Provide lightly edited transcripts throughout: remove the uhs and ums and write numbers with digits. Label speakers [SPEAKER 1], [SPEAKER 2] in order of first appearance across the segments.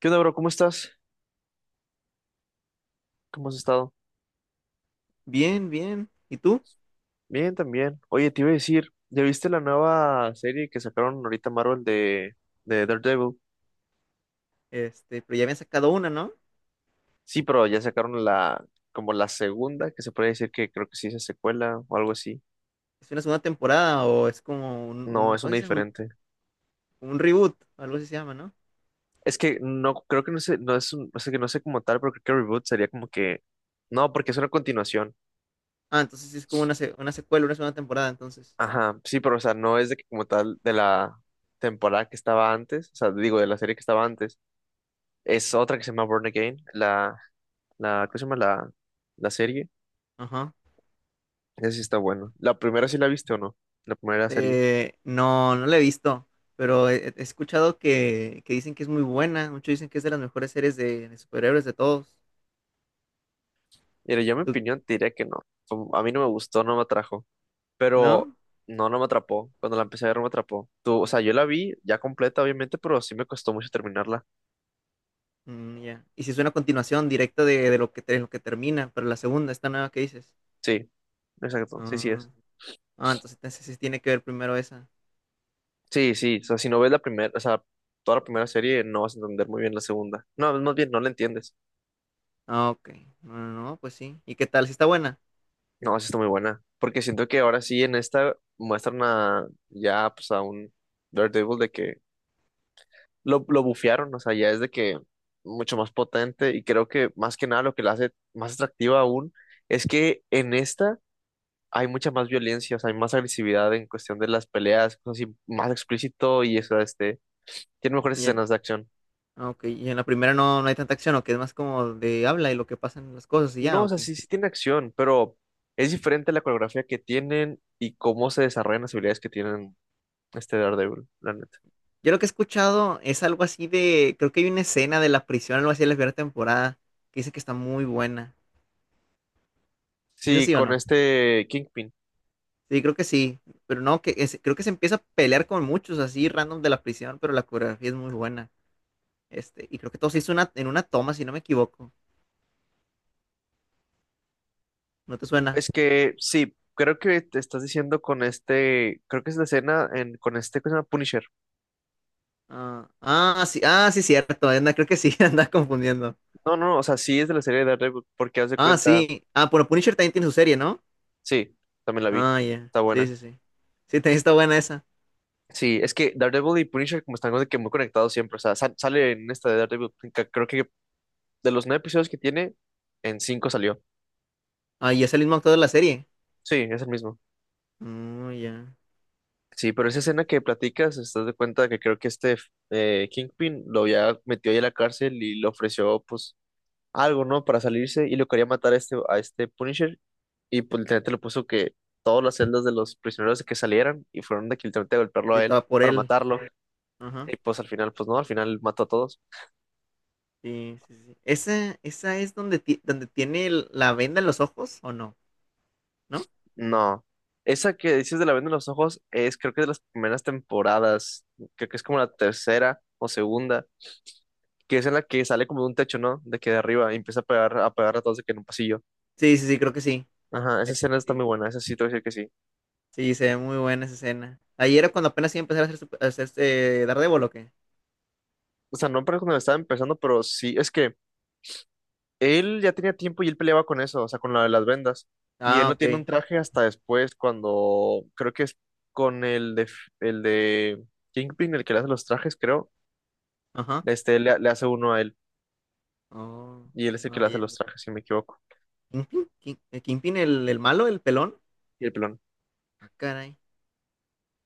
[SPEAKER 1] ¿Qué onda, bro? ¿Cómo estás? ¿Cómo has estado?
[SPEAKER 2] Bien, bien. ¿Y tú?
[SPEAKER 1] Bien, también. Oye, te iba a decir, ¿ya viste la nueva serie que sacaron ahorita Marvel de Daredevil?
[SPEAKER 2] Pero ya habían sacado una, ¿no?
[SPEAKER 1] Sí, pero ya sacaron como la segunda, que se puede decir que creo que sí es secuela o algo así.
[SPEAKER 2] ¿Es una segunda temporada o es como
[SPEAKER 1] No, es
[SPEAKER 2] ¿cómo se
[SPEAKER 1] una
[SPEAKER 2] dice?
[SPEAKER 1] diferente.
[SPEAKER 2] Un reboot, algo así se llama, ¿no?
[SPEAKER 1] Es que no, creo que no sé, no es un, o sea, que no sé como tal, pero creo que reboot sería como que no, porque es una continuación.
[SPEAKER 2] Ah, entonces sí es como una secuela, una segunda temporada, entonces.
[SPEAKER 1] Ajá, sí, pero o sea, no es de que como tal de la temporada que estaba antes, o sea, digo, de la serie que estaba antes. Es otra que se llama Born Again, ¿cómo se llama? La serie.
[SPEAKER 2] Ajá.
[SPEAKER 1] Esa sí está buena. ¿La primera sí la viste o no? La primera serie.
[SPEAKER 2] No, no la he visto, pero he escuchado que dicen que es muy buena. Muchos dicen que es de las mejores series de superhéroes de todos.
[SPEAKER 1] Mira, yo en mi
[SPEAKER 2] ¿Tú-
[SPEAKER 1] opinión te diría que no. A mí no me gustó, no me atrajo. Pero
[SPEAKER 2] ¿No?
[SPEAKER 1] no, no me atrapó. Cuando la empecé a ver no me atrapó. Tú, o sea, yo la vi ya completa, obviamente, pero sí me costó mucho terminarla.
[SPEAKER 2] Mm, ya. Y si es una continuación directa de lo lo que termina, pero la segunda, esta nueva que dices.
[SPEAKER 1] Sí, exacto. Sí, sí
[SPEAKER 2] Ah,
[SPEAKER 1] es.
[SPEAKER 2] ah, entonces, entonces sí tiene que ver primero esa.
[SPEAKER 1] Sí, sí. O sea, si no ves la primera, o sea, toda la primera serie, no vas a entender muy bien la segunda. No, más bien, no la entiendes.
[SPEAKER 2] Ah, ok. No, no, no, pues sí. ¿Y qué tal? ¿Si está buena?
[SPEAKER 1] No, sí está muy buena. Porque siento que ahora sí en esta muestran a, ya, pues a un... Daredevil de que lo bufearon, o sea, ya es de que mucho más potente, y creo que más que nada lo que la hace más atractiva aún es que en esta hay mucha más violencia, o sea, hay más agresividad en cuestión de las peleas, cosas así, más explícito y eso, tiene mejores
[SPEAKER 2] Y en,
[SPEAKER 1] escenas de acción.
[SPEAKER 2] ah, ok. Y en la primera no, no hay tanta acción, o que es más como de habla y lo que pasan las cosas y
[SPEAKER 1] No,
[SPEAKER 2] ya,
[SPEAKER 1] o sea,
[SPEAKER 2] ok.
[SPEAKER 1] sí, sí tiene acción, pero es diferente la coreografía que tienen y cómo se desarrollan las habilidades que tienen este Daredevil, la neta.
[SPEAKER 2] Yo lo que he escuchado es algo así de, creo que hay una escena de la prisión, algo así de la primera temporada, que dice que está muy buena. ¿Sí es
[SPEAKER 1] Sí,
[SPEAKER 2] así o
[SPEAKER 1] con
[SPEAKER 2] no?
[SPEAKER 1] este Kingpin.
[SPEAKER 2] Sí, creo que sí. Pero no, creo que se empieza a pelear con muchos así random de la prisión, pero la coreografía es muy buena. Y creo que todo se hizo en una toma, si no me equivoco. ¿No te suena?
[SPEAKER 1] Es que sí, creo que te estás diciendo con este, creo que es la escena en, con este que se llama Punisher.
[SPEAKER 2] Sí, ah, sí, cierto. Anda, creo que sí, anda confundiendo.
[SPEAKER 1] No, no, no, o sea, sí es de la serie de Daredevil, porque haz de
[SPEAKER 2] Ah,
[SPEAKER 1] cuenta,
[SPEAKER 2] sí. Ah, bueno, Punisher también tiene su serie, ¿no?
[SPEAKER 1] sí, también la vi,
[SPEAKER 2] Ah, ya.
[SPEAKER 1] está
[SPEAKER 2] Sí,
[SPEAKER 1] buena.
[SPEAKER 2] sí, sí. Sí, también está buena esa.
[SPEAKER 1] Sí, es que Daredevil y Punisher como están como de que muy conectados siempre, o sea, sale en esta de Daredevil, creo que de los nueve episodios que tiene, en cinco salió.
[SPEAKER 2] Ah, y es el mismo actor de la serie.
[SPEAKER 1] Sí, es el mismo.
[SPEAKER 2] Ah, ya.
[SPEAKER 1] Sí, pero
[SPEAKER 2] No,
[SPEAKER 1] esa
[SPEAKER 2] pues,
[SPEAKER 1] escena que platicas, estás de cuenta que creo que Kingpin lo había metido ahí a la cárcel y le ofreció, pues, algo, ¿no? Para salirse, y lo quería matar a este Punisher, y pues literalmente le puso que todas las celdas de los prisioneros que salieran, y fueron de que literalmente a golpearlo
[SPEAKER 2] sí,
[SPEAKER 1] a él
[SPEAKER 2] estaba por
[SPEAKER 1] para
[SPEAKER 2] él.
[SPEAKER 1] matarlo,
[SPEAKER 2] Ajá.
[SPEAKER 1] y pues al final, pues no, al final mató a todos.
[SPEAKER 2] Sí, sí, sí. ¿Esa, esa es donde, donde tiene la venda en los ojos o no? ¿No?
[SPEAKER 1] No. Esa que dices de la venda en los ojos es creo que es de las primeras temporadas, creo que es como la tercera o segunda, que es en la que sale como de un techo, ¿no? De que de arriba y empieza a pegar a todos de que en un pasillo.
[SPEAKER 2] Sí, sí, sí, creo que sí.
[SPEAKER 1] Ajá, esa escena está muy
[SPEAKER 2] Sí.
[SPEAKER 1] buena, esa sí te voy a decir que sí.
[SPEAKER 2] Sí, se ve muy buena esa escena. Ahí era cuando apenas iba a empezar a hacer, a hacer este Daredevil, ¿o qué?
[SPEAKER 1] O sea, no para cuando la estaba empezando, pero sí, es que él ya tenía tiempo y él peleaba con eso, o sea, con la de las vendas. Y él
[SPEAKER 2] Ah,
[SPEAKER 1] no tiene un
[SPEAKER 2] ok.
[SPEAKER 1] traje hasta después, cuando creo que es con el de Kingpin, el que le hace los trajes, creo.
[SPEAKER 2] Ajá.
[SPEAKER 1] Este le hace uno a él.
[SPEAKER 2] Oh,
[SPEAKER 1] Y él es el que
[SPEAKER 2] ah,
[SPEAKER 1] le hace
[SPEAKER 2] ya.
[SPEAKER 1] los trajes, si no me equivoco.
[SPEAKER 2] ¿Kingpin? ¿Kingpin el malo, el pelón?
[SPEAKER 1] Y el pelón.
[SPEAKER 2] Ah, caray.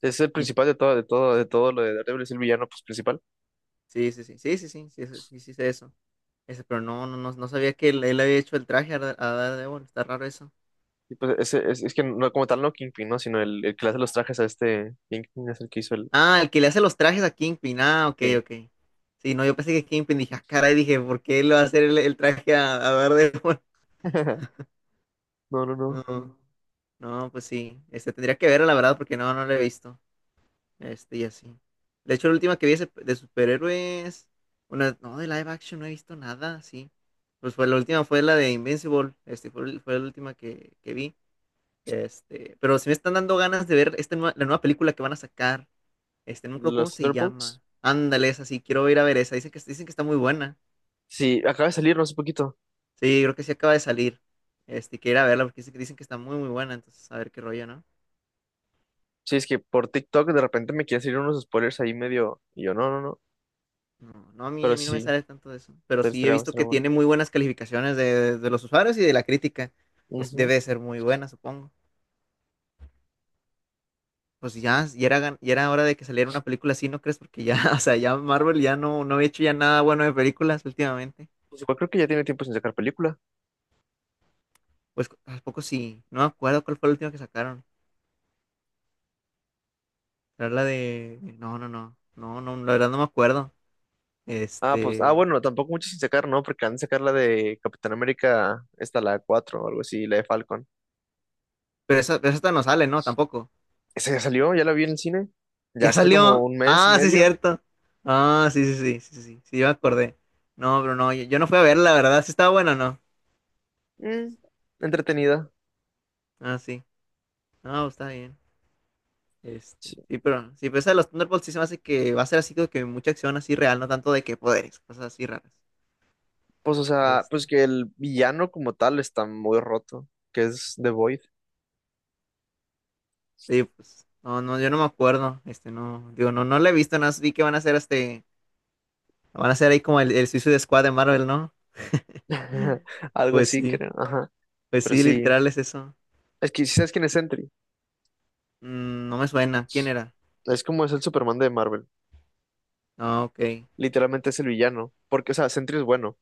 [SPEAKER 1] Es el
[SPEAKER 2] ¿Y,
[SPEAKER 1] principal de todo, de todo, de todo lo de Daredevil, es el villano pues, principal.
[SPEAKER 2] sí, sí, sí, sí, sí, sí, sí, sí, sí, sí sé eso. Ese, pero no, no, no, no sabía que él había hecho el traje a, a Daredevil, está raro eso.
[SPEAKER 1] Y pues ese, es que no, como tal no Kingpin, ¿no? Sino el que le hace los trajes a este Kingpin es el que hizo el.
[SPEAKER 2] Ah, el que le hace los trajes a Kingpin, ah, ok,
[SPEAKER 1] Sí.
[SPEAKER 2] ok. Sí, no, yo pensé que Kingpin, dije, ah, caray, dije, ¿por qué él va a hacer el traje a Daredevil?
[SPEAKER 1] No, no, no.
[SPEAKER 2] No, no, pues sí, tendría que verlo, la verdad, porque no, no lo he visto, y así. De hecho, la última que vi de superhéroes, una, no, de live action no he visto nada, sí. Pues fue la última, fue la de Invincible, fue la última que vi. Pero si me están dando ganas de ver esta la nueva película que van a sacar. No creo cómo
[SPEAKER 1] Los
[SPEAKER 2] se
[SPEAKER 1] Thunderbolts.
[SPEAKER 2] llama. Ándale, esa sí, quiero ir a ver esa. Dicen que está muy buena.
[SPEAKER 1] Sí, acaba de salir, no hace poquito.
[SPEAKER 2] Sí, creo que sí acaba de salir. Quiero ir a verla porque dicen que está muy, muy buena. Entonces, a ver qué rollo, ¿no?
[SPEAKER 1] Sí, es que por TikTok de repente me quieren salir unos spoilers ahí medio. Y yo, no, no, no.
[SPEAKER 2] No, no,
[SPEAKER 1] Pero
[SPEAKER 2] a mí no me
[SPEAKER 1] sí,
[SPEAKER 2] sale tanto de eso. Pero
[SPEAKER 1] te
[SPEAKER 2] sí he
[SPEAKER 1] estaría
[SPEAKER 2] visto
[SPEAKER 1] bastante
[SPEAKER 2] que
[SPEAKER 1] bueno.
[SPEAKER 2] tiene muy buenas calificaciones de los usuarios y de la crítica. Pues
[SPEAKER 1] Ujú.
[SPEAKER 2] debe de ser muy buena, supongo. Pues ya era hora de que saliera una película así, ¿no crees? Porque ya, o sea, ya Marvel ya no, no había hecho ya nada bueno de películas últimamente.
[SPEAKER 1] Pues igual creo que ya tiene tiempo sin sacar película.
[SPEAKER 2] Pues tampoco sí. No me acuerdo cuál fue la última que sacaron. Era la de. No, no, no. No, no, la verdad no me acuerdo.
[SPEAKER 1] Ah, pues, ah,
[SPEAKER 2] Este.
[SPEAKER 1] bueno, tampoco mucho sin sacar, ¿no? Porque han de sacar la de Capitán América, esta, la 4 o algo así, la de Falcon.
[SPEAKER 2] Pero esa, pero esta no sale, ¿no? Tampoco.
[SPEAKER 1] Esa ya salió, ya la vi en el cine. Ya
[SPEAKER 2] Ya
[SPEAKER 1] hace como
[SPEAKER 2] salió.
[SPEAKER 1] un mes y
[SPEAKER 2] Ah, sí,
[SPEAKER 1] medio.
[SPEAKER 2] cierto. Ah, sí, sí, sí, sí, sí, sí, sí, yo me acordé. No, pero no, yo no fui a verla, la verdad. Sí estaba buena o no.
[SPEAKER 1] Mm, entretenida.
[SPEAKER 2] Ah, sí. No, está bien.
[SPEAKER 1] Sí.
[SPEAKER 2] Pero esa de los Thunderbolts sí se me hace que va a ser así como que mucha acción así real, no tanto de que poderes, cosas así raras.
[SPEAKER 1] Pues, o sea,
[SPEAKER 2] Este,
[SPEAKER 1] pues que el villano como tal está muy roto, que es The Void.
[SPEAKER 2] Sí, pues, no, no, yo no me acuerdo, digo, no, no la he visto, no vi que van a hacer van a hacer ahí como el Suicide Squad de Marvel, ¿no?
[SPEAKER 1] Algo
[SPEAKER 2] Pues
[SPEAKER 1] así,
[SPEAKER 2] sí,
[SPEAKER 1] creo. Ajá.
[SPEAKER 2] pues
[SPEAKER 1] Pero
[SPEAKER 2] sí,
[SPEAKER 1] sí.
[SPEAKER 2] literal es eso.
[SPEAKER 1] Es que, ¿sabes quién es Sentry?
[SPEAKER 2] Mm, no me suena, ¿quién era?
[SPEAKER 1] Es como es el Superman de Marvel.
[SPEAKER 2] Ah, ok.
[SPEAKER 1] Literalmente es el villano. Porque, o sea, Sentry es bueno,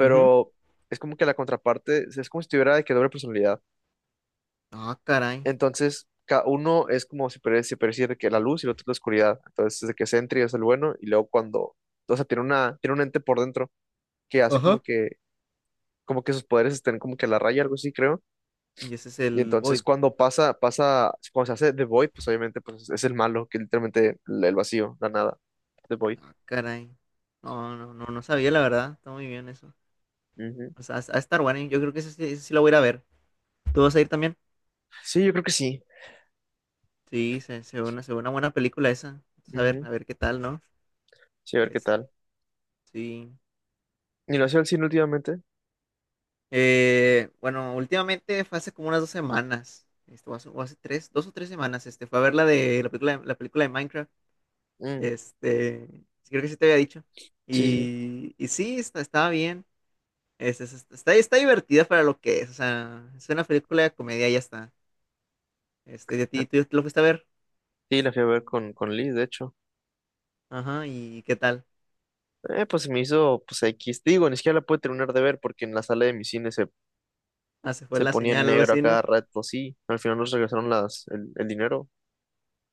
[SPEAKER 2] Ujú.
[SPEAKER 1] es como que la contraparte, es como si tuviera de que doble personalidad.
[SPEAKER 2] Ah, caray.
[SPEAKER 1] Entonces, cada uno es como si pareciera de que la luz y el otro es la oscuridad. Entonces, es de que Sentry es el bueno, y luego cuando, o sea, tiene un ente por dentro que hace
[SPEAKER 2] Ajá.
[SPEAKER 1] como que sus poderes estén como que a la raya, algo así, creo.
[SPEAKER 2] Y ese es
[SPEAKER 1] Y
[SPEAKER 2] el
[SPEAKER 1] entonces
[SPEAKER 2] Void.
[SPEAKER 1] cuando cuando se hace The Void, pues obviamente pues, es el malo, que literalmente el vacío, la nada, The Void.
[SPEAKER 2] Ah, caray. No, no, no, no sabía la verdad, está muy bien eso.
[SPEAKER 1] Ujú.
[SPEAKER 2] O sea, a estar bueno, yo creo que ese sí lo voy a ir a ver. ¿Tú vas a ir también?
[SPEAKER 1] Sí, yo creo que sí.
[SPEAKER 2] Sí, se ve se ve una buena película esa. Entonces,
[SPEAKER 1] Ujú.
[SPEAKER 2] a ver qué tal, ¿no?
[SPEAKER 1] Sí, a ver qué
[SPEAKER 2] Este,
[SPEAKER 1] tal.
[SPEAKER 2] sí.
[SPEAKER 1] ¿Y lo hacía al cine últimamente?
[SPEAKER 2] Bueno, últimamente fue hace como unas dos semanas, o hace tres, dos o tres semanas, fue a ver la de la película de Minecraft,
[SPEAKER 1] Mm,
[SPEAKER 2] este, sí, creo que sí te había dicho,
[SPEAKER 1] sí, sí. Sí,
[SPEAKER 2] y sí, estaba bien, está, está divertida para lo que es, o sea, es una película de comedia, y ya está, tú lo fuiste a ver,
[SPEAKER 1] sí, la fui a ver con Liz, de hecho.
[SPEAKER 2] ajá, y qué tal,
[SPEAKER 1] Pues se me hizo, pues X. Digo, ni siquiera la pude terminar de ver porque en la sala de mi cine
[SPEAKER 2] ah, se fue
[SPEAKER 1] se
[SPEAKER 2] la
[SPEAKER 1] ponía en
[SPEAKER 2] señal, algo
[SPEAKER 1] negro a
[SPEAKER 2] así,
[SPEAKER 1] cada
[SPEAKER 2] ¿no?
[SPEAKER 1] rato. Sí, al final nos regresaron el dinero.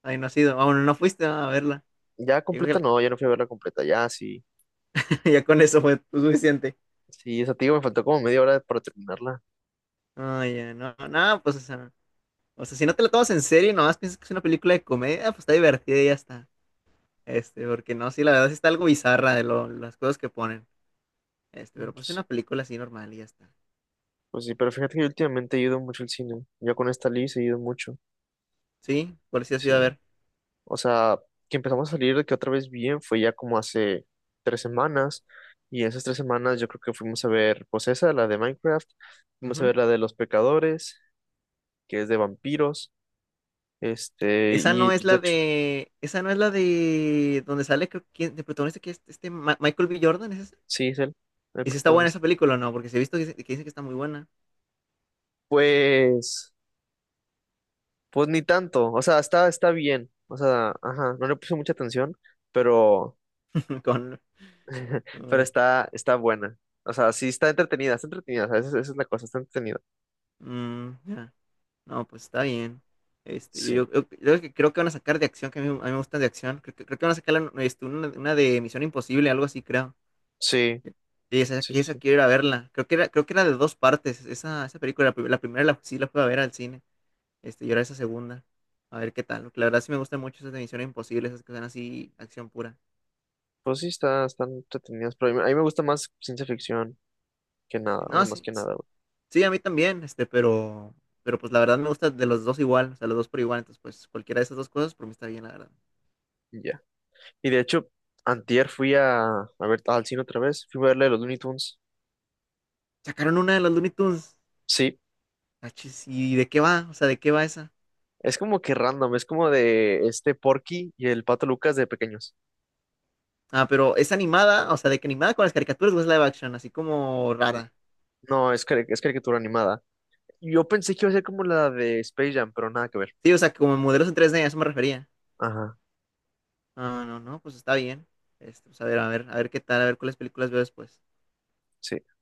[SPEAKER 2] Ay, no has ido, ah, bueno, no fuiste a verla.
[SPEAKER 1] Ya
[SPEAKER 2] Yo creo que
[SPEAKER 1] completa, no, ya no fui a verla completa. Ya, sí.
[SPEAKER 2] ya con eso fue suficiente,
[SPEAKER 1] Sí, esa, te digo, me faltó como media hora para terminarla.
[SPEAKER 2] ay, ya, no, no, pues, o sea. O sea, si no te la tomas en serio y nomás piensas que es una película de comedia, pues está divertida y ya está. Porque no, sí, la verdad sí está algo bizarra de las cosas que ponen. Pero
[SPEAKER 1] Mm,
[SPEAKER 2] pues
[SPEAKER 1] pues
[SPEAKER 2] es
[SPEAKER 1] sí,
[SPEAKER 2] una película así normal y ya está.
[SPEAKER 1] pues sí, pero fíjate que yo últimamente he ido mucho al cine. Yo con esta Liz he ido mucho.
[SPEAKER 2] Sí, por si has
[SPEAKER 1] Sí.
[SPEAKER 2] ido a ver.
[SPEAKER 1] O sea, que empezamos a salir de que otra vez bien fue ya como hace 3 semanas. Y esas 3 semanas yo creo que fuimos a ver, pues esa, la de Minecraft. Fuimos a
[SPEAKER 2] Ujú.
[SPEAKER 1] ver la de Los Pecadores, que es de vampiros. Este,
[SPEAKER 2] Esa
[SPEAKER 1] y
[SPEAKER 2] no es
[SPEAKER 1] pues de
[SPEAKER 2] la
[SPEAKER 1] hecho,
[SPEAKER 2] de. Esa no es la de. Donde sale, creo que de protagonista que es este Michael B. Jordan, ¿es esa?
[SPEAKER 1] sí, es él, el
[SPEAKER 2] ¿Y si está buena esa
[SPEAKER 1] protagonista.
[SPEAKER 2] película o no? Porque si he visto que dicen que está muy buena.
[SPEAKER 1] Pues, pues ni tanto. O sea, está, está bien. O sea, ajá, no le puse mucha atención, pero,
[SPEAKER 2] Con.
[SPEAKER 1] pero
[SPEAKER 2] Con-
[SPEAKER 1] está, está buena. O sea, sí está entretenida, está entretenida. O sea, esa es la cosa, está entretenida.
[SPEAKER 2] mm, ya. No, pues está bien.
[SPEAKER 1] Sí,
[SPEAKER 2] Yo creo que van a sacar de acción, que a mí me gustan de acción. Que creo que van a sacar una de Misión Imposible, algo así, creo.
[SPEAKER 1] sí,
[SPEAKER 2] Y esa,
[SPEAKER 1] sí,
[SPEAKER 2] que esa
[SPEAKER 1] sí.
[SPEAKER 2] quiero ir a verla. Creo que era de dos partes. Esa película, la primera sí la fui a ver al cine. Y ahora esa segunda. A ver qué tal, porque la verdad sí me gustan mucho esas de Misión Imposible, esas que son así, acción pura.
[SPEAKER 1] Pues sí, está, están entretenidas, pero a mí me gusta más ciencia ficción que nada, o sea,
[SPEAKER 2] No,
[SPEAKER 1] más que nada, güey.
[SPEAKER 2] sí, a mí también, pero pues la verdad me gusta de los dos igual, o sea, los dos por igual. Entonces, pues cualquiera de esas dos cosas, por mí está bien, la verdad.
[SPEAKER 1] Y ya. Y de hecho, antier fui a ver al cine otra vez, fui a verle los Looney Tunes.
[SPEAKER 2] Sacaron una de los Looney Tunes.
[SPEAKER 1] Sí,
[SPEAKER 2] Ah, chis, ¿y de qué va? O sea, ¿de qué va esa?
[SPEAKER 1] es como que random, es como de este Porky y el Pato Lucas de pequeños.
[SPEAKER 2] Ah, pero es animada, o sea, de que animada con las caricaturas o es live action, así como rara.
[SPEAKER 1] No, es, cari- Es caricatura animada. Yo pensé que iba a ser como la de Space Jam, pero nada que ver.
[SPEAKER 2] Sí, o sea, como modelos en 3D, a eso me refería.
[SPEAKER 1] Ajá,
[SPEAKER 2] Ah, no, no, pues está bien. Pues a ver qué tal, a ver cuáles películas veo después.
[SPEAKER 1] sí.